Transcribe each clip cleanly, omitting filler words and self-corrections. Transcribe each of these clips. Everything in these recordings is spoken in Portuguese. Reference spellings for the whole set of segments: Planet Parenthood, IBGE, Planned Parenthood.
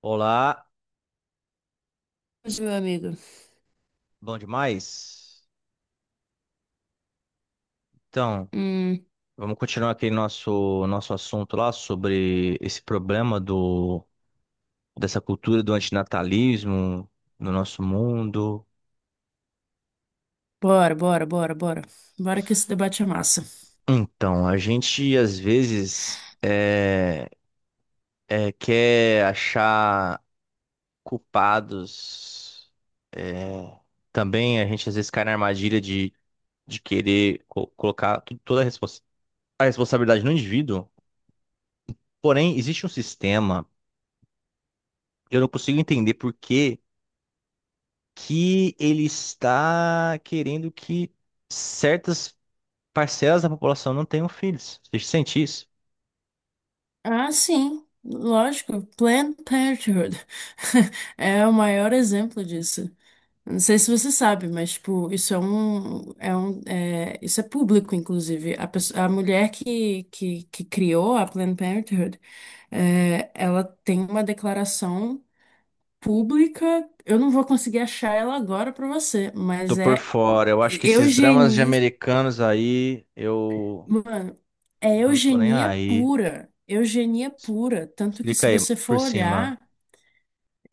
Olá, Mas, meu amigo, bom demais? Então, hum, vamos continuar aqui nosso assunto lá sobre esse problema dessa cultura do antinatalismo no nosso mundo. bora, bora, bora, bora. Bora que esse debate é massa. Então, a gente às vezes quer achar culpados. é, Também a gente às vezes cai na armadilha de querer colocar toda a responsabilidade no indivíduo. Porém, existe um sistema, eu não consigo entender por que ele está querendo que certas parcelas da população não tenham filhos. Você sente isso? Ah, sim, lógico, Planned Parenthood é o maior exemplo disso. Não sei se você sabe, mas, tipo, isso é público, inclusive. A mulher que criou a Planned Parenthood, ela tem uma declaração pública. Eu não vou conseguir achar ela agora para você, Tô mas por é fora. Eu acho que esses dramas de eugenismo. americanos aí, Mano, é eu não tô nem eugenia aí. pura. Eugenia pura. Tanto que Clica se aí você por for cima. olhar,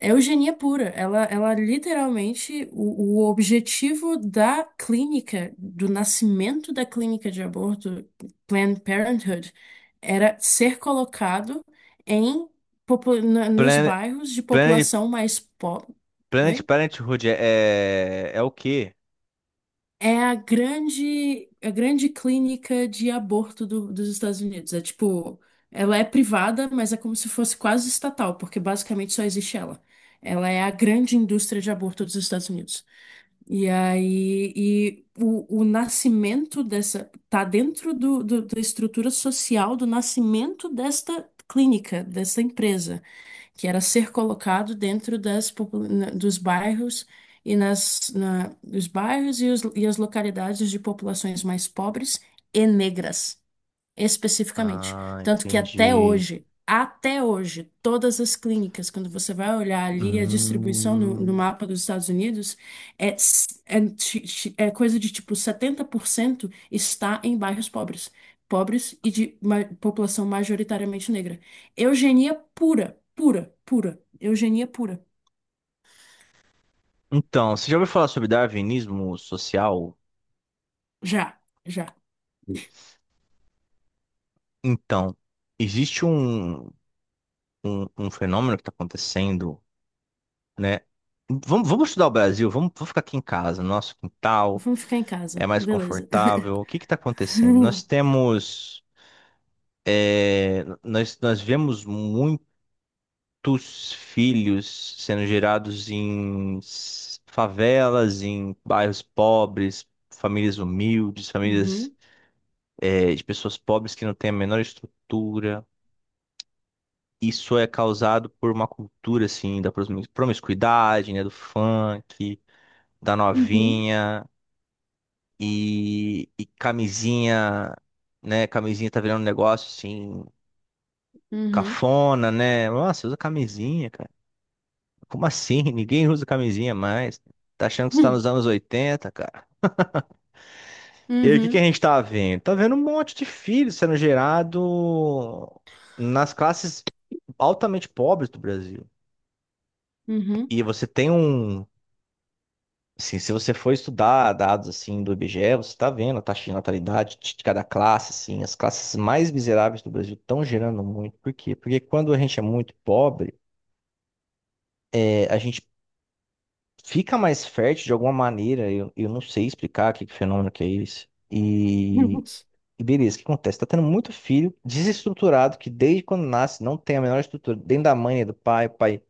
é eugenia pura. Ela literalmente, o objetivo da clínica, do nascimento da clínica de aborto, Planned Parenthood, era ser colocado em, nos Planet, bairros de Planet, população mais pobre. Planet Parenthood é o quê? É a grande clínica de aborto dos Estados Unidos. É tipo, ela é privada, mas é como se fosse quase estatal, porque basicamente só existe ela. Ela é a grande indústria de aborto dos Estados Unidos. E aí, e o nascimento dessa, tá dentro da estrutura social do nascimento desta clínica, dessa empresa que era ser colocado dentro dos bairros e nas, na, os bairros e, os, e as localidades de populações mais pobres e negras especificamente. Ah, Tanto que entendi. Até hoje, todas as clínicas, quando você vai olhar ali a distribuição no Hum. mapa dos Estados Unidos, é coisa de tipo 70% está em bairros pobres. Pobres e de população majoritariamente negra. Eugenia pura, pura, pura. Eugenia pura. Então, você já ouviu falar sobre darwinismo social? Já, já. Então, existe um fenômeno que está acontecendo, né? Vamos estudar o Brasil, vamos ficar aqui em casa, nosso quintal Vamos ficar em é casa, mais beleza. confortável. O que está acontecendo? Nós temos, é, nós vemos muitos filhos sendo gerados em favelas, em bairros pobres, famílias humildes, Uhum, de pessoas pobres que não têm a menor estrutura. Isso é causado por uma cultura assim da promiscuidade, né, do funk da uhum, novinha e camisinha, né? Camisinha tá virando um negócio assim, uhum, cafona, né? Nossa, usa camisinha, cara. Como assim? Ninguém usa camisinha mais. Tá achando que você tá uhum, nos anos 80, cara? E aí, o que que a uhum, gente tá vendo? Tá vendo um monte de filhos sendo gerado nas classes altamente pobres do Brasil. uhum. E você tem um. Assim, se você for estudar dados assim do IBGE, você está vendo a taxa de natalidade de cada classe, assim, as classes mais miseráveis do Brasil estão gerando muito. Por quê? Porque quando a gente é muito pobre, a gente fica mais fértil de alguma maneira. Eu não sei explicar que fenômeno que é esse. E beleza, o que acontece? Está tendo muito filho desestruturado que desde quando nasce não tem a menor estrutura dentro da mãe, do pai, o pai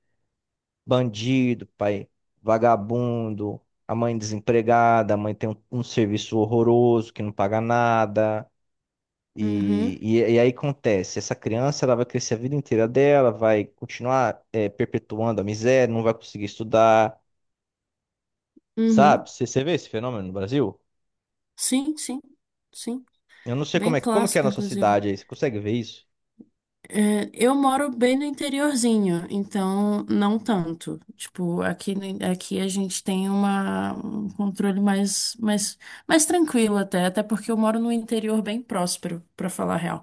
bandido, pai vagabundo, a mãe desempregada, a mãe tem um serviço horroroso que não paga nada. Uhum, E aí acontece, essa criança ela vai crescer a vida inteira dela, vai continuar perpetuando a miséria, não vai conseguir estudar, sabe? uhum. Você vê esse fenômeno no Brasil? Sim, sim, sim. Eu não sei Bem como é, como que é clássico, na sua inclusive. cidade aí, você consegue ver isso? É, eu moro bem no interiorzinho, então não tanto. Tipo, aqui, aqui a gente tem um controle mais tranquilo até porque eu moro num interior bem próspero, pra falar a real.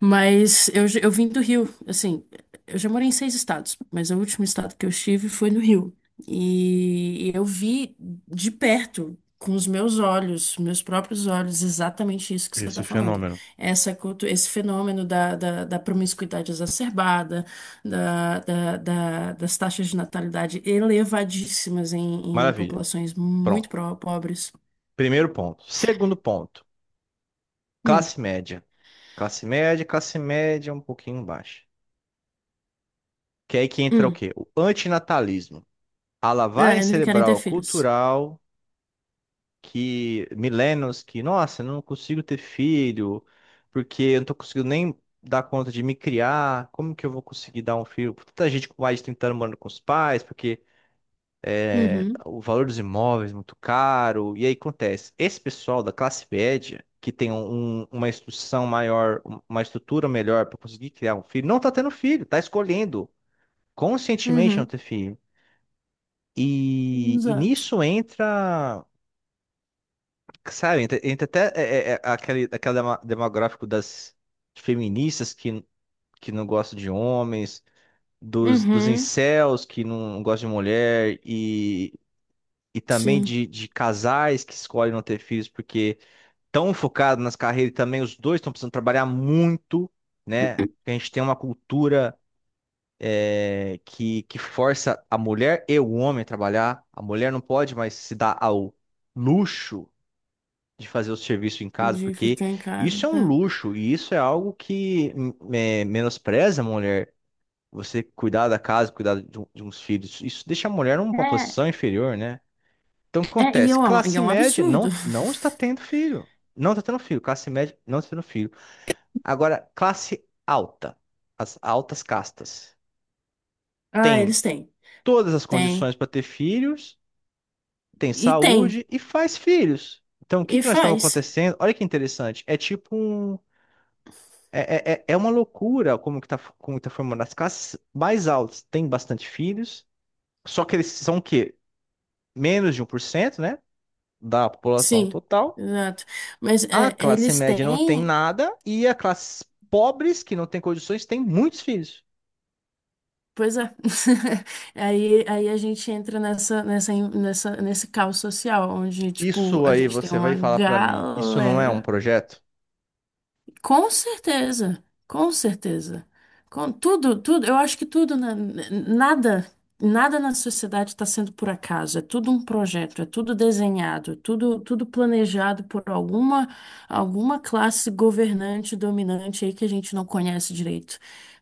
Mas eu vim do Rio, assim, eu já morei em seis estados, mas o último estado que eu estive foi no Rio. E eu vi de perto, com os meus olhos, meus próprios olhos, exatamente isso que você Esse está falando. fenômeno. Essa, cultu- esse fenômeno da promiscuidade exacerbada, das taxas de natalidade elevadíssimas em Maravilha. populações muito Pronto. Pobres. Primeiro ponto. Segundo ponto, Hum, classe média. Classe média, classe média um pouquinho baixa. Que é aí que entra o hum. quê? O antinatalismo. A lavagem É, não querem ter cerebral filhos. cultural que milênios que, nossa, eu não consigo ter filho, porque eu não tô conseguindo nem dar conta de me criar. Como que eu vou conseguir dar um filho? Tanta gente com mais de 30 anos morando com os pais, porque Uhum, o valor dos imóveis é muito caro. E aí acontece, esse pessoal da classe média que tem uma instrução maior, uma estrutura melhor para conseguir criar um filho, não tá tendo filho, tá escolhendo conscientemente não uhum. ter filho. Exato. Nisso entra, sabe, entra até aquele demográfico das feministas que não gostam de homens, dos Uhum, incels que não gostam de mulher, e também sim. De casais que escolhem não ter filhos porque estão focados nas carreiras e também os dois estão precisando trabalhar muito, né? A gente tem uma cultura. Que força a mulher e o homem a trabalhar. A mulher não pode mais se dar ao luxo de fazer o serviço em casa, De porque ficar em isso é um casa. luxo e isso é algo que menospreza a mulher. Você cuidar da casa, cuidar de uns filhos, isso deixa a mulher numa É, é, posição inferior, né? Então, o que é, acontece? E é Classe um média absurdo. Não está tendo filho. Não está tendo filho. Classe média não está tendo filho. Agora, classe alta, as altas castas, Ah, tem eles têm. todas as Tem. condições para ter filhos, tem E tem. saúde e faz filhos. Então, o que E que nós estamos faz. acontecendo? Olha que interessante. É tipo um. É uma loucura como que tá formando. As classes mais altas têm bastante filhos, só que eles são o quê? Menos de um por cento, né? Da população Sim, total. exato. Mas A é, classe eles média não tem têm, nada e a classe pobres, que não tem condições, tem muitos filhos. pois é. Aí, a gente entra nesse caos social, onde, tipo, Isso a aí gente tem você vai uma falar para mim, isso não é um galera. projeto? Com certeza, com certeza. Com tudo, tudo, eu acho que tudo, nada, nada na sociedade está sendo por acaso, é tudo um projeto, é tudo desenhado, é tudo planejado por alguma classe governante, dominante aí que a gente não conhece direito.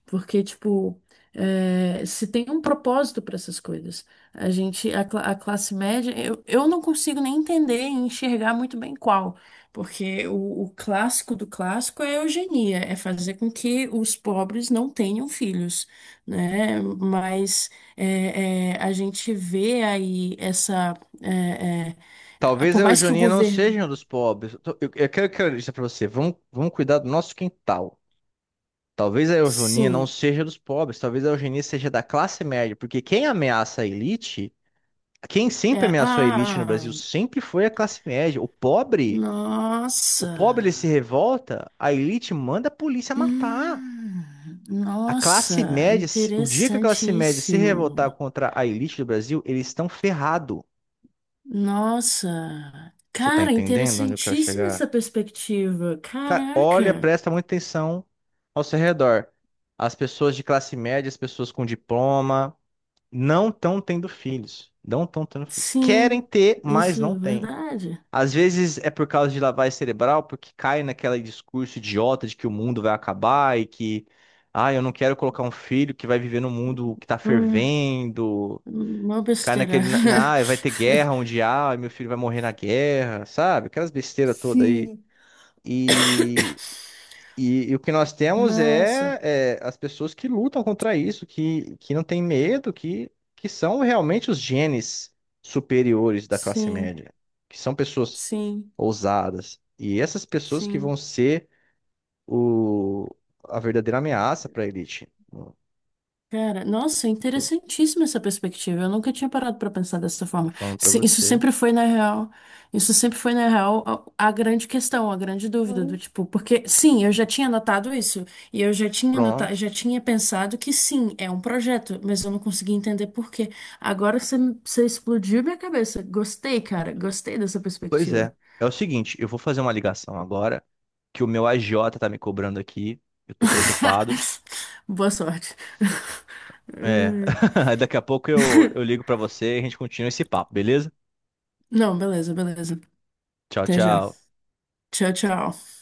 Porque, tipo, se tem um propósito para essas coisas. A classe média, eu não consigo nem entender e enxergar muito bem qual. Porque o clássico do clássico é a eugenia, é fazer com que os pobres não tenham filhos, né? Mas a gente vê aí é, é, Talvez a por mais que o Eugeninha não governo, seja um dos pobres. Eu quero, quero dizer pra você, vamos cuidar do nosso quintal. Talvez a Eugeninha não sim, seja dos pobres, talvez a Eugenia seja da classe média, porque quem ameaça a elite, quem sempre ameaçou a elite no Brasil, ah, sempre foi a classe média. O nossa, pobre ele se revolta, a elite manda a polícia matar. hum, A classe nossa, média, o dia que a classe média se revoltar interessantíssimo, contra a elite do Brasil, eles estão ferrados. nossa, Você tá cara, entendendo onde eu quero interessantíssima chegar? essa perspectiva, Cara, olha, caraca. presta muita atenção ao seu redor. As pessoas de classe média, as pessoas com diploma, não estão tendo filhos. Não estão tendo filhos. Querem Sim, ter, mas isso não é têm. verdade. Às vezes é por causa de lavagem cerebral, porque cai naquele discurso idiota de que o mundo vai acabar e que, ah, eu não quero colocar um filho que vai viver num mundo que tá Hum, fervendo. uma Cai besteira. Ah, vai ter guerra um dia, ah, meu filho vai morrer na guerra, sabe? Aquelas besteiras todas aí. Sim. E e o que nós temos Nossa, é as pessoas que lutam contra isso, que não têm medo, que são realmente os genes superiores da classe sim, média, que são pessoas sim, ousadas. E essas pessoas que vão sim. ser o, a verdadeira ameaça para a elite. Eu Cara, nossa, tô, interessantíssima essa perspectiva. Eu nunca tinha parado pra pensar dessa forma. falando para Isso você. sempre foi, na real, isso sempre foi, na real, a grande questão, a grande dúvida do Aí, tipo, porque sim, eu já tinha notado isso, e eu já tinha notado, pronto. já tinha pensado que sim, é um projeto, mas eu não conseguia entender por quê. Agora você explodiu minha cabeça. Gostei, cara, gostei dessa Pois é. perspectiva. É o seguinte, eu vou fazer uma ligação agora, que o meu agiota tá me cobrando aqui, eu tô preocupado. Boa sorte. É. Daqui a pouco eu ligo pra você e a gente continua esse papo, beleza? Não, beleza, beleza. Tchau, Até já. tchau. Tchau, tchau.